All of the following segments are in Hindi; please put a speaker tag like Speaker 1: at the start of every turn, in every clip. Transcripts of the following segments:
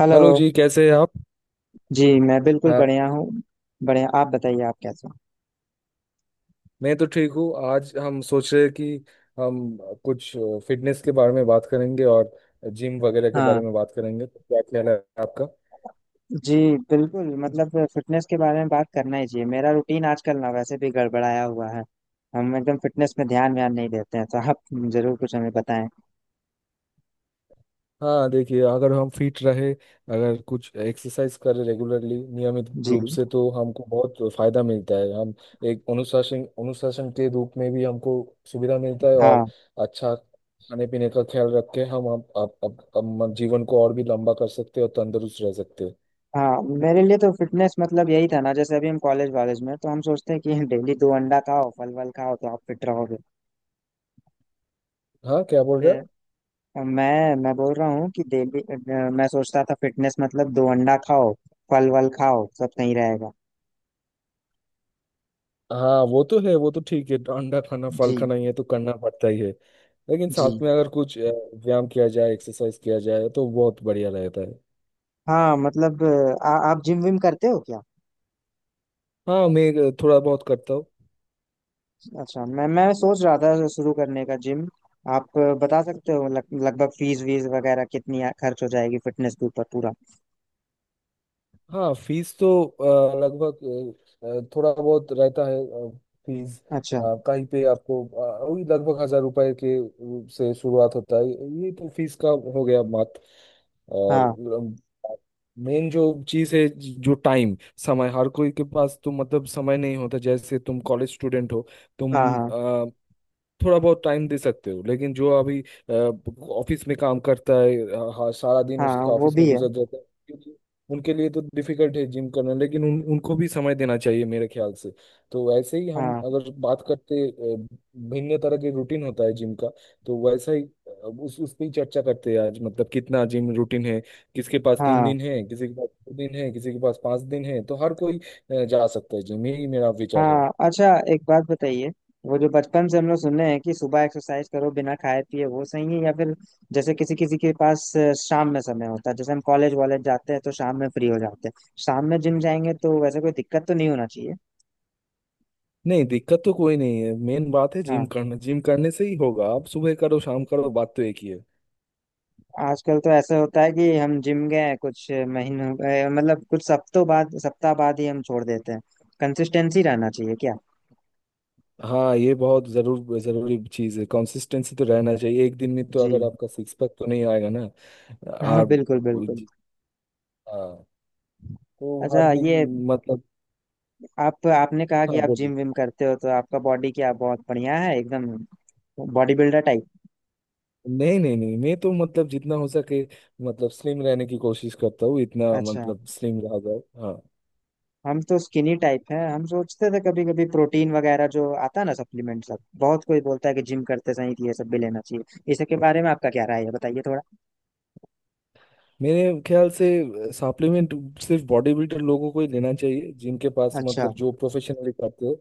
Speaker 1: हेलो
Speaker 2: हेलो जी। कैसे हैं आप?
Speaker 1: जी। मैं बिल्कुल
Speaker 2: हाँ,
Speaker 1: बढ़िया हूँ। बढ़िया, आप बताइए आप कैसे हो।
Speaker 2: मैं तो ठीक हूँ। आज हम सोच रहे हैं कि हम कुछ फिटनेस के बारे में बात करेंगे और जिम वगैरह के बारे
Speaker 1: हाँ
Speaker 2: में बात करेंगे। तो क्या ख्याल है आपका?
Speaker 1: जी, बिल्कुल। मतलब फिटनेस के बारे में बात करना ही चाहिए। मेरा रूटीन आजकल ना वैसे भी गड़बड़ाया हुआ है। हम एकदम फिटनेस में ध्यान व्यान नहीं देते हैं, तो आप जरूर कुछ हमें बताएं।
Speaker 2: हाँ, देखिए, अगर हम फिट रहे, अगर कुछ एक्सरसाइज करें रेगुलरली, नियमित
Speaker 1: जी।
Speaker 2: रूप से, तो हमको बहुत फायदा मिलता है। हम एक अनुशासन अनुशासन के रूप में भी हमको सुविधा मिलता है।
Speaker 1: हाँ।
Speaker 2: और अच्छा खाने पीने का ख्याल रख के हम जीवन को और भी लंबा कर सकते हैं और तंदुरुस्त रह सकते हैं।
Speaker 1: हाँ, मेरे लिए तो फिटनेस मतलब यही था ना, जैसे अभी हम कॉलेज वॉलेज में तो हम सोचते हैं कि डेली दो अंडा खाओ, फल वल खाओ तो आप फिट रहोगे।
Speaker 2: हाँ, क्या बोल रहे हैं?
Speaker 1: तो मैं बोल रहा हूँ कि डेली मैं सोचता था फिटनेस मतलब दो अंडा खाओ, फल वल खाओ, सब सही रहेगा।
Speaker 2: हाँ वो तो है, वो तो ठीक है। अंडा खाना, फल
Speaker 1: जी।
Speaker 2: खाना, ये तो करना पड़ता ही है। लेकिन साथ
Speaker 1: जी,
Speaker 2: में अगर कुछ व्यायाम किया जाए, एक्सरसाइज किया जाए, तो बहुत बढ़िया रहता है।
Speaker 1: हाँ। मतलब आप जिम विम करते हो क्या।
Speaker 2: हाँ, मैं थोड़ा बहुत करता हूँ।
Speaker 1: अच्छा, मैं सोच रहा था शुरू करने का जिम। आप बता सकते हो लगभग फीस वीस वगैरह कितनी खर्च हो जाएगी फिटनेस के ऊपर पूरा।
Speaker 2: हाँ, फीस तो लगभग थोड़ा बहुत रहता है। फीस
Speaker 1: अच्छा।
Speaker 2: कहीं पे आपको वही लगभग हजार रुपए के से शुरुआत होता है। ये तो फीस का हो गया मात्र। और
Speaker 1: हाँ।
Speaker 2: मेन जो चीज है, जो टाइम, समय, हर कोई के पास तो मतलब समय नहीं होता। जैसे तुम कॉलेज स्टूडेंट हो,
Speaker 1: हाँ।
Speaker 2: तुम
Speaker 1: हाँ।
Speaker 2: थोड़ा बहुत टाइम दे सकते हो। लेकिन जो अभी ऑफिस में काम करता है, हाँ, सारा दिन
Speaker 1: हाँ,
Speaker 2: उसका
Speaker 1: वो
Speaker 2: ऑफिस में
Speaker 1: भी है।
Speaker 2: गुजर जाता है, क्योंकि उनके लिए तो डिफिकल्ट है जिम करना। लेकिन उन उनको भी समय देना चाहिए मेरे ख्याल से। तो वैसे ही हम
Speaker 1: हाँ।
Speaker 2: अगर बात करते भिन्न तरह के रूटीन होता है जिम का। तो वैसा ही उस पे ही चर्चा करते हैं आज, मतलब कितना जिम रूटीन है। किसके पास तीन
Speaker 1: हाँ।
Speaker 2: दिन है, किसी के पास दो दिन है, किसी के पास पांच दिन है। तो हर कोई जा सकता है जिम, यही मेरा विचार है।
Speaker 1: हाँ, अच्छा। एक बात बताइए, वो जो बचपन से हम लोग सुने हैं कि सुबह एक्सरसाइज करो बिना खाए पिए, वो सही है या फिर जैसे किसी किसी के पास शाम में समय होता है, जैसे हम कॉलेज वॉलेज जाते हैं तो शाम में फ्री हो जाते हैं। शाम में जिम जाएंगे तो वैसे कोई दिक्कत तो नहीं होना चाहिए।
Speaker 2: नहीं, दिक्कत तो कोई नहीं है। मेन बात है जिम
Speaker 1: हाँ।
Speaker 2: करना, जिम करने से ही होगा। आप सुबह करो, शाम करो, बात तो एक ही है।
Speaker 1: आजकल तो ऐसा होता है कि हम जिम गए कुछ महीनों मतलब कुछ हफ्तों बाद, सप्ताह बाद ही हम छोड़ देते हैं। कंसिस्टेंसी रहना चाहिए क्या।
Speaker 2: हाँ, ये बहुत जरूरी चीज है। कंसिस्टेंसी तो रहना चाहिए। एक दिन में तो
Speaker 1: जी।
Speaker 2: अगर आपका सिक्स पैक तो नहीं आएगा ना
Speaker 1: हाँ,
Speaker 2: आप।
Speaker 1: बिल्कुल बिल्कुल।
Speaker 2: हाँ, तो हर
Speaker 1: अच्छा, ये
Speaker 2: दिन मतलब।
Speaker 1: आप, आपने कहा कि
Speaker 2: हाँ
Speaker 1: आप
Speaker 2: बोलिए।
Speaker 1: जिम विम करते हो, तो आपका बॉडी क्या बहुत बढ़िया है एकदम, बॉडी बिल्डर टाइप।
Speaker 2: नहीं नहीं नहीं, मैं तो मतलब जितना हो सके, मतलब स्लिम रहने की कोशिश करता हूँ। इतना
Speaker 1: अच्छा।
Speaker 2: मतलब स्लिम रहा जाए।
Speaker 1: हम तो स्किनी टाइप है, हम सोचते थे कभी कभी प्रोटीन वगैरह जो आता है ना, सप्लीमेंट सब। बहुत कोई बोलता है कि जिम करते समय तो ये सब भी लेना चाहिए। इसके बारे में आपका क्या राय है, बताइए थोड़ा।
Speaker 2: मेरे ख्याल से सप्लीमेंट सिर्फ बॉडी बिल्डर लोगों को ही लेना चाहिए, जिनके पास
Speaker 1: अच्छा।
Speaker 2: मतलब जो प्रोफेशनली करते हैं।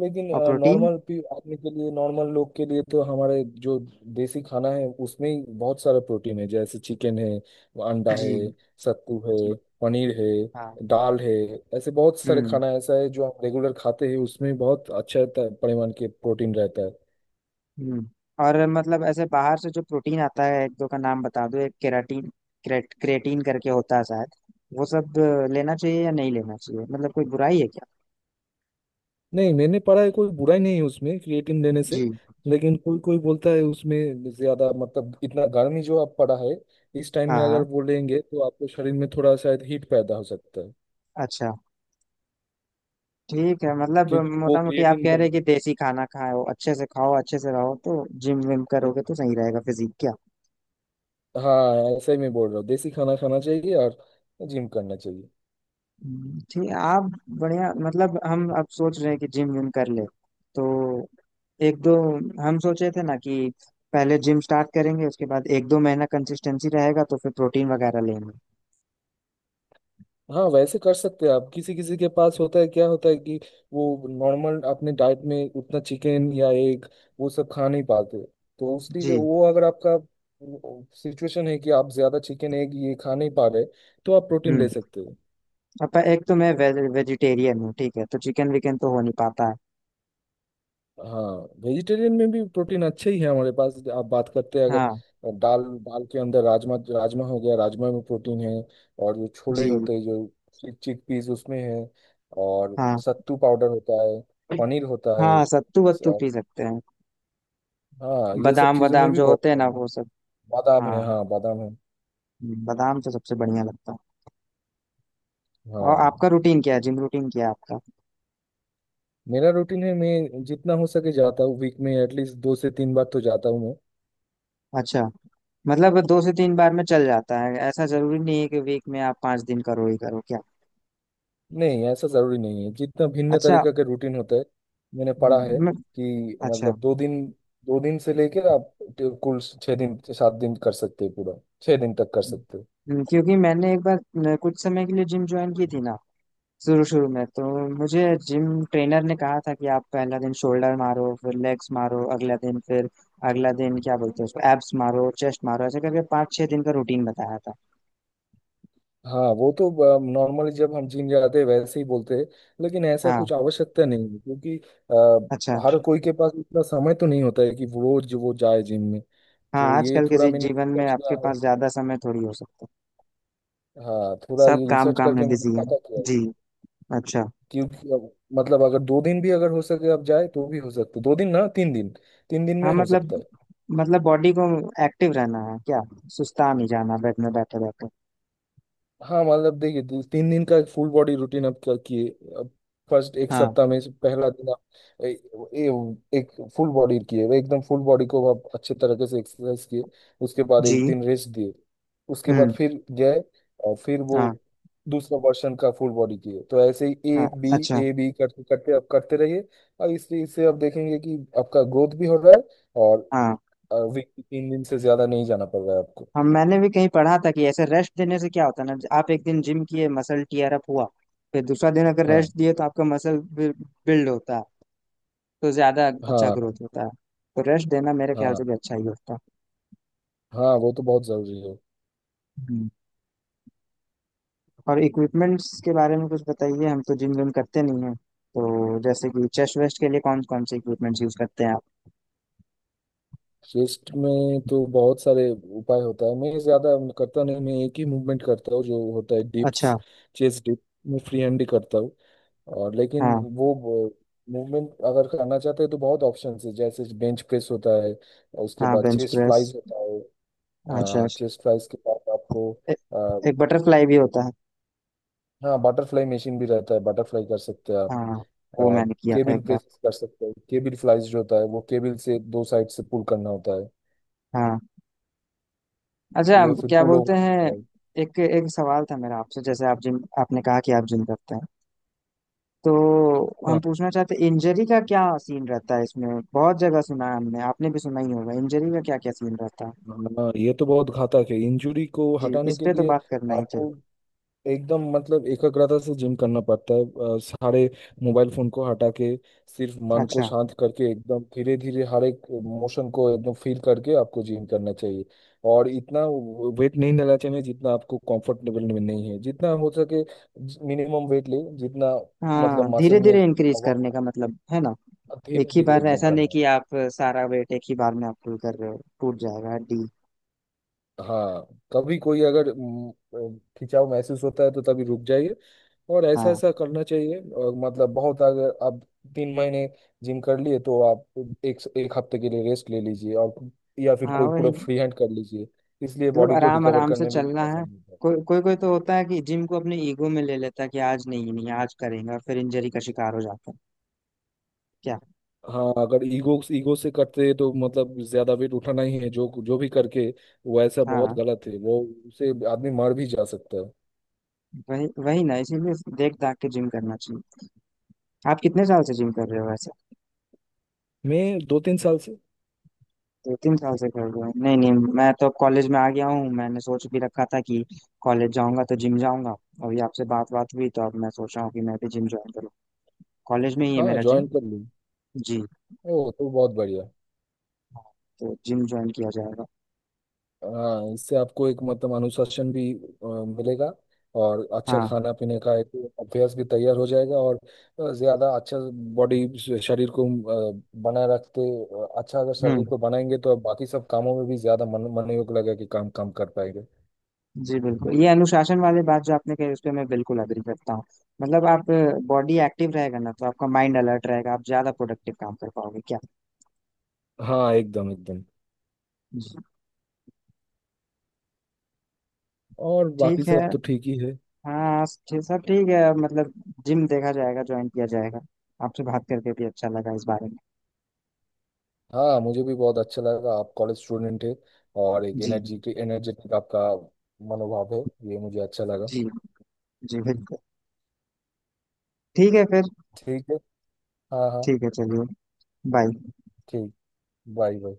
Speaker 2: लेकिन
Speaker 1: और प्रोटीन।
Speaker 2: नॉर्मल आदमी के लिए, नॉर्मल लोग के लिए तो हमारे जो देसी खाना है उसमें ही बहुत सारा प्रोटीन है। जैसे चिकन है, अंडा
Speaker 1: जी।
Speaker 2: है, सत्तू
Speaker 1: जी।
Speaker 2: है, पनीर है,
Speaker 1: हाँ।
Speaker 2: दाल है। ऐसे बहुत सारे
Speaker 1: हम्म।
Speaker 2: खाना ऐसा है जो हम रेगुलर खाते हैं, उसमें बहुत अच्छा परिमाण के प्रोटीन रहता है।
Speaker 1: हम्म। और मतलब ऐसे बाहर से जो प्रोटीन आता है, एक दो का नाम बता दो। एक केराटीन, क्रेटीन करके होता है शायद। वो सब लेना चाहिए या नहीं लेना चाहिए, मतलब कोई बुराई है क्या।
Speaker 2: नहीं, मैंने पढ़ा है कोई बुराई नहीं है उसमें, क्रिएटिन लेने से।
Speaker 1: जी,
Speaker 2: लेकिन कोई कोई बोलता है उसमें ज्यादा मतलब इतना गर्मी जो आप पड़ा है, इस टाइम
Speaker 1: हाँ,
Speaker 2: में अगर
Speaker 1: हाँ।
Speaker 2: वो लेंगे तो आपको शरीर में थोड़ा शायद हीट पैदा हो सकता है,
Speaker 1: अच्छा, ठीक है। मतलब
Speaker 2: क्योंकि वो
Speaker 1: मोटा मोटी आप
Speaker 2: क्रिएटिन।
Speaker 1: कह रहे हैं कि देसी खाना खाओ, अच्छे से रहो, तो जिम विम करोगे तो सही रहेगा फिजिक क्या?
Speaker 2: हाँ, ऐसे ही मैं बोल रहा हूँ, देसी खाना खाना चाहिए और जिम करना चाहिए।
Speaker 1: ठीक। आप बढ़िया। मतलब हम अब सोच रहे हैं कि जिम विम कर ले, तो एक दो, हम सोचे थे ना कि पहले जिम स्टार्ट करेंगे, उसके बाद एक दो महीना कंसिस्टेंसी रहेगा तो फिर प्रोटीन वगैरह लेंगे।
Speaker 2: हाँ, वैसे कर सकते हैं आप। किसी किसी के पास होता है, क्या होता है कि वो नॉर्मल अपने डाइट में उतना चिकन या एग, वो सब खा नहीं पाते। तो उसलिए
Speaker 1: जी।
Speaker 2: वो अगर आपका सिचुएशन है कि आप ज्यादा चिकन, एग ये खा नहीं पा रहे, तो आप प्रोटीन
Speaker 1: हम्म।
Speaker 2: ले सकते हो।
Speaker 1: अब एक तो मैं वेजिटेरियन हूँ, ठीक है, तो चिकन विकन तो हो नहीं पाता है।
Speaker 2: हाँ। वेजिटेरियन में भी प्रोटीन अच्छे ही है हमारे पास। आप बात करते हैं
Speaker 1: हाँ।
Speaker 2: अगर दाल, दाल के अंदर राजमा, राजमा हो गया, राजमा में प्रोटीन है। और जो छोले
Speaker 1: जी।
Speaker 2: होते हैं, जो चिक चिक पीस, उसमें है। और
Speaker 1: हाँ।
Speaker 2: सत्तू पाउडर होता है, पनीर होता है।
Speaker 1: हाँ, सत्तू वत्तू
Speaker 2: स-
Speaker 1: पी सकते हैं।
Speaker 2: हाँ, ये सब
Speaker 1: बादाम
Speaker 2: चीज़ों में
Speaker 1: वादाम
Speaker 2: भी
Speaker 1: जो
Speaker 2: बहुत
Speaker 1: होते हैं ना,
Speaker 2: कम।
Speaker 1: वो सब।
Speaker 2: बादाम
Speaker 1: हाँ।
Speaker 2: है, हाँ बादाम है।
Speaker 1: बादाम तो सबसे बढ़िया लगता है। और
Speaker 2: हाँ,
Speaker 1: आपका रूटीन क्या है, जिम रूटीन क्या है आपका।
Speaker 2: मेरा रूटीन है, मैं जितना हो सके जाता हूँ। वीक में एटलीस्ट दो से तीन बार तो जाता हूँ।
Speaker 1: अच्छा। मतलब दो से तीन बार में चल जाता है, ऐसा जरूरी नहीं है कि वीक में आप पांच दिन करो ही करो क्या।
Speaker 2: नहीं, ऐसा जरूरी नहीं है, जितना भिन्न
Speaker 1: अच्छा।
Speaker 2: तरीके के रूटीन होते हैं। मैंने पढ़ा है
Speaker 1: हम्म, मैं,
Speaker 2: कि
Speaker 1: अच्छा।
Speaker 2: मतलब दो दिन, दो दिन से लेकर आप कुल छह दिन, सात दिन कर सकते हैं पूरा, छह दिन तक कर सकते हैं।
Speaker 1: क्योंकि मैंने एक बार न, कुछ समय के लिए जिम ज्वाइन की थी ना। शुरू शुरू में तो मुझे जिम ट्रेनर ने कहा था कि आप पहला दिन शोल्डर मारो, फिर लेग्स मारो, अगला दिन फिर अगला दिन क्या बोलते हैं उसको एब्स मारो, चेस्ट मारो, ऐसे करके पाँच छह दिन का रूटीन बताया था।
Speaker 2: हाँ, वो तो नॉर्मली जब हम जिम जाते हैं वैसे ही बोलते हैं। लेकिन ऐसा
Speaker 1: हाँ,
Speaker 2: कुछ आवश्यकता नहीं है, क्योंकि
Speaker 1: अच्छा।
Speaker 2: हर कोई के पास इतना समय तो नहीं होता है कि वो रोज वो जाए जिम में।
Speaker 1: हाँ,
Speaker 2: तो ये
Speaker 1: आजकल के
Speaker 2: थोड़ा मैंने
Speaker 1: जीवन में
Speaker 2: रिसर्च किया
Speaker 1: आपके
Speaker 2: है।
Speaker 1: पास ज्यादा समय थोड़ी हो सकता है।
Speaker 2: हाँ, थोड़ा
Speaker 1: सब
Speaker 2: ये
Speaker 1: काम
Speaker 2: रिसर्च
Speaker 1: काम में
Speaker 2: करके मैंने
Speaker 1: बिजी है।
Speaker 2: पता किया,
Speaker 1: जी। अच्छा।
Speaker 2: क्योंकि अब मतलब अगर दो दिन भी अगर हो सके आप जाए, तो भी हो सकता है। दो दिन ना तीन दिन, तीन दिन
Speaker 1: हाँ,
Speaker 2: में हो
Speaker 1: मतलब,
Speaker 2: सकता है।
Speaker 1: मतलब बॉडी को एक्टिव रहना है क्या, सुस्ता नहीं जाना बेड में बैठे बैठे।
Speaker 2: हाँ, मतलब देखिए, दो- तीन दिन का फुल बॉडी रूटीन आप क्या किए। अब फर्स्ट एक
Speaker 1: हाँ।
Speaker 2: सप्ताह में से पहला दिन आप ए, ए, एक फुल बॉडी किए, वो एकदम फुल बॉडी को आप अच्छे तरीके से एक्सरसाइज किए। उसके बाद एक
Speaker 1: जी।
Speaker 2: दिन रेस्ट दिए। उसके बाद
Speaker 1: हम्म।
Speaker 2: फिर गए और फिर वो
Speaker 1: हाँ।
Speaker 2: दूसरा वर्षन का फुल बॉडी किए। तो ऐसे ही ए
Speaker 1: हाँ,
Speaker 2: बी,
Speaker 1: अच्छा।
Speaker 2: ए बी करते करते आप करते रहिए। और इस चीज से आप देखेंगे कि आपका ग्रोथ भी हो रहा है, और
Speaker 1: हाँ।
Speaker 2: वीक तीन दिन से ज्यादा नहीं जाना पड़ रहा है आपको।
Speaker 1: हम मैंने भी कहीं पढ़ा था कि ऐसे रेस्ट देने से क्या होता है ना, आप एक दिन जिम किए, मसल टीयर अप हुआ, फिर दूसरा दिन अगर
Speaker 2: हाँ।
Speaker 1: रेस्ट दिए तो आपका मसल बिल्ड होता है, तो ज्यादा अच्छा
Speaker 2: हाँ।
Speaker 1: ग्रोथ होता है। तो रेस्ट देना मेरे ख्याल से
Speaker 2: हाँ।
Speaker 1: भी अच्छा ही होता है।
Speaker 2: हाँ, वो तो बहुत जरूरी है।
Speaker 1: हम्म। और इक्विपमेंट्स के बारे में कुछ बताइए। हम तो जिम विम करते नहीं हैं, तो जैसे कि चेस्ट वेस्ट के लिए कौन कौन से इक्विपमेंट्स यूज करते हैं आप।
Speaker 2: चेस्ट में तो बहुत सारे उपाय होता है। मैं ज्यादा करता नहीं, मैं एक ही मूवमेंट करता हूँ, जो होता है डिप्स,
Speaker 1: अच्छा।
Speaker 2: Chest dip. मैं फ्री हैंड ही करता हूँ। और, लेकिन
Speaker 1: हाँ।
Speaker 2: वो मूवमेंट अगर करना चाहते हैं तो बहुत ऑप्शंस है। जैसे बेंच प्रेस होता है, और उसके
Speaker 1: हाँ,
Speaker 2: बाद
Speaker 1: बेंच
Speaker 2: चेस्ट
Speaker 1: प्रेस।
Speaker 2: फ्लाइज होता
Speaker 1: हाँ,
Speaker 2: है।
Speaker 1: चेस्ट।
Speaker 2: चेस्ट फ्लाइज के बाद आपको अ,
Speaker 1: एक बटरफ्लाई भी होता है।
Speaker 2: हाँ बटरफ्लाई मशीन भी रहता है, बटरफ्लाई कर सकते हैं आप।
Speaker 1: हाँ, वो
Speaker 2: और
Speaker 1: मैंने किया था
Speaker 2: केबिल
Speaker 1: एक बार।
Speaker 2: प्रेस कर सकते हैं, केबिल फ्लाइज जो होता है, वो केबिल से दो साइड से पुल करना होता है।
Speaker 1: हाँ, अच्छा,
Speaker 2: ये
Speaker 1: आप
Speaker 2: फिर
Speaker 1: क्या
Speaker 2: पुल
Speaker 1: बोलते
Speaker 2: ओवर
Speaker 1: हैं।
Speaker 2: होता है।
Speaker 1: एक एक सवाल था मेरा आपसे, जैसे आप जिम, आपने कहा कि आप जिम करते हैं, तो हम
Speaker 2: हाँ।
Speaker 1: पूछना चाहते हैं इंजरी का क्या सीन रहता है इसमें। बहुत जगह सुना है हमने, आपने भी सुना ही होगा, इंजरी का क्या क्या सीन रहता है।
Speaker 2: हाँ, ये तो बहुत घातक है, इंजुरी को
Speaker 1: जी,
Speaker 2: हटाने
Speaker 1: इस
Speaker 2: के
Speaker 1: पे तो
Speaker 2: लिए
Speaker 1: बात करना ही चाहिए।
Speaker 2: आपको एकदम मतलब एकाग्रता से जिम करना पड़ता है। सारे मोबाइल फोन को हटा के, सिर्फ मन को
Speaker 1: अच्छा।
Speaker 2: शांत करके, एकदम धीरे धीरे हर एक मोशन को एकदम फील करके आपको जिम करना चाहिए। और इतना वेट नहीं लेना चाहिए जितना आपको कंफर्टेबल में नहीं है। जितना हो सके मिनिमम वेट ले जितना,
Speaker 1: हाँ,
Speaker 2: मतलब मसल
Speaker 1: धीरे
Speaker 2: में
Speaker 1: धीरे इंक्रीज करने का मतलब है ना।
Speaker 2: धीरे
Speaker 1: एक ही
Speaker 2: धीरे
Speaker 1: बार
Speaker 2: एकदम
Speaker 1: ऐसा नहीं
Speaker 2: करना है।
Speaker 1: कि आप सारा वेट एक ही बार में आप पुल कर रहे हो, टूट जाएगा हड्डी।
Speaker 2: हाँ, कभी कोई अगर खिंचाव महसूस होता है तो तभी रुक जाइए। और ऐसा
Speaker 1: हाँ।
Speaker 2: ऐसा करना चाहिए। और मतलब बहुत अगर आप तीन महीने जिम कर लिए, तो आप एक, एक हफ्ते के लिए रेस्ट ले लीजिए, और या फिर
Speaker 1: हाँ,
Speaker 2: कोई पूरा
Speaker 1: वही,
Speaker 2: फ्री हैंड कर लीजिए। इसलिए
Speaker 1: मतलब
Speaker 2: बॉडी को
Speaker 1: आराम
Speaker 2: रिकवर
Speaker 1: आराम से
Speaker 2: करने में भी
Speaker 1: चलना है।
Speaker 2: आसानी होता है।
Speaker 1: कोई कोई कोई तो होता है कि जिम को अपने ईगो में ले लेता है कि आज नहीं नहीं आज करेंगे, और फिर इंजरी का शिकार हो जाता है क्या।
Speaker 2: हाँ, अगर ईगो ईगो से करते हैं तो मतलब ज्यादा वेट उठाना ही है जो जो भी करके, वो ऐसा बहुत
Speaker 1: हाँ,
Speaker 2: गलत है वो। उसे आदमी मर भी जा सकता है।
Speaker 1: वही वही ना, इसीलिए देख दाख के जिम करना चाहिए। आप कितने साल से जिम कर रहे हो वैसे।
Speaker 2: मैं दो तीन साल से।
Speaker 1: दो तीन साल से कर रहे हो, नहीं नहीं। मैं तो कॉलेज में आ गया हूँ, मैंने सोच भी रखा था कि कॉलेज जाऊंगा तो जिम जाऊंगा। अभी आपसे बात बात हुई तो अब मैं सोच रहा हूँ कि मैं भी जिम ज्वाइन करूँ, कॉलेज में ही है
Speaker 2: हाँ,
Speaker 1: मेरा
Speaker 2: ज्वाइन
Speaker 1: जिम।
Speaker 2: कर लूँ।
Speaker 1: जी।
Speaker 2: ओ तो बहुत बढ़िया।
Speaker 1: हाँ, तो जिम ज्वाइन किया जाएगा।
Speaker 2: हाँ, इससे आपको एक मतलब अनुशासन भी मिलेगा। और अच्छा
Speaker 1: हाँ।
Speaker 2: खाना पीने का एक अभ्यास भी तैयार हो जाएगा। और ज्यादा अच्छा बॉडी, शरीर को बनाए रखते अच्छा, अगर शरीर
Speaker 1: हम्म।
Speaker 2: को बनाएंगे तो अब बाकी सब कामों में भी ज्यादा मन, मनोयोग लगेगा कि काम काम कर पाएंगे।
Speaker 1: जी बिल्कुल, ये अनुशासन वाली बात जो आपने कही उस पर मैं बिल्कुल अग्री करता हूँ। मतलब आप, बॉडी एक्टिव रहेगा ना तो आपका माइंड अलर्ट रहेगा, आप ज्यादा प्रोडक्टिव काम कर पाओगे क्या।
Speaker 2: हाँ, एकदम एकदम।
Speaker 1: जी।
Speaker 2: और बाकी
Speaker 1: ठीक है।
Speaker 2: सब तो ठीक ही है।
Speaker 1: हाँ, ठीक- सब ठीक है, मतलब जिम देखा जाएगा, ज्वाइन किया जाएगा। आपसे बात करके भी अच्छा लगा इस बारे में।
Speaker 2: हाँ, मुझे भी बहुत अच्छा लगा। आप कॉलेज स्टूडेंट है, और एक
Speaker 1: जी।
Speaker 2: एनर्जी, एनर्जेटिक आपका मनोभाव है, ये मुझे अच्छा लगा।
Speaker 1: जी। जी, बिल्कुल। ठीक है फिर।
Speaker 2: ठीक है। हाँ हाँ।
Speaker 1: ठीक है, चलिए। बाय।
Speaker 2: ठीक। Bye bye.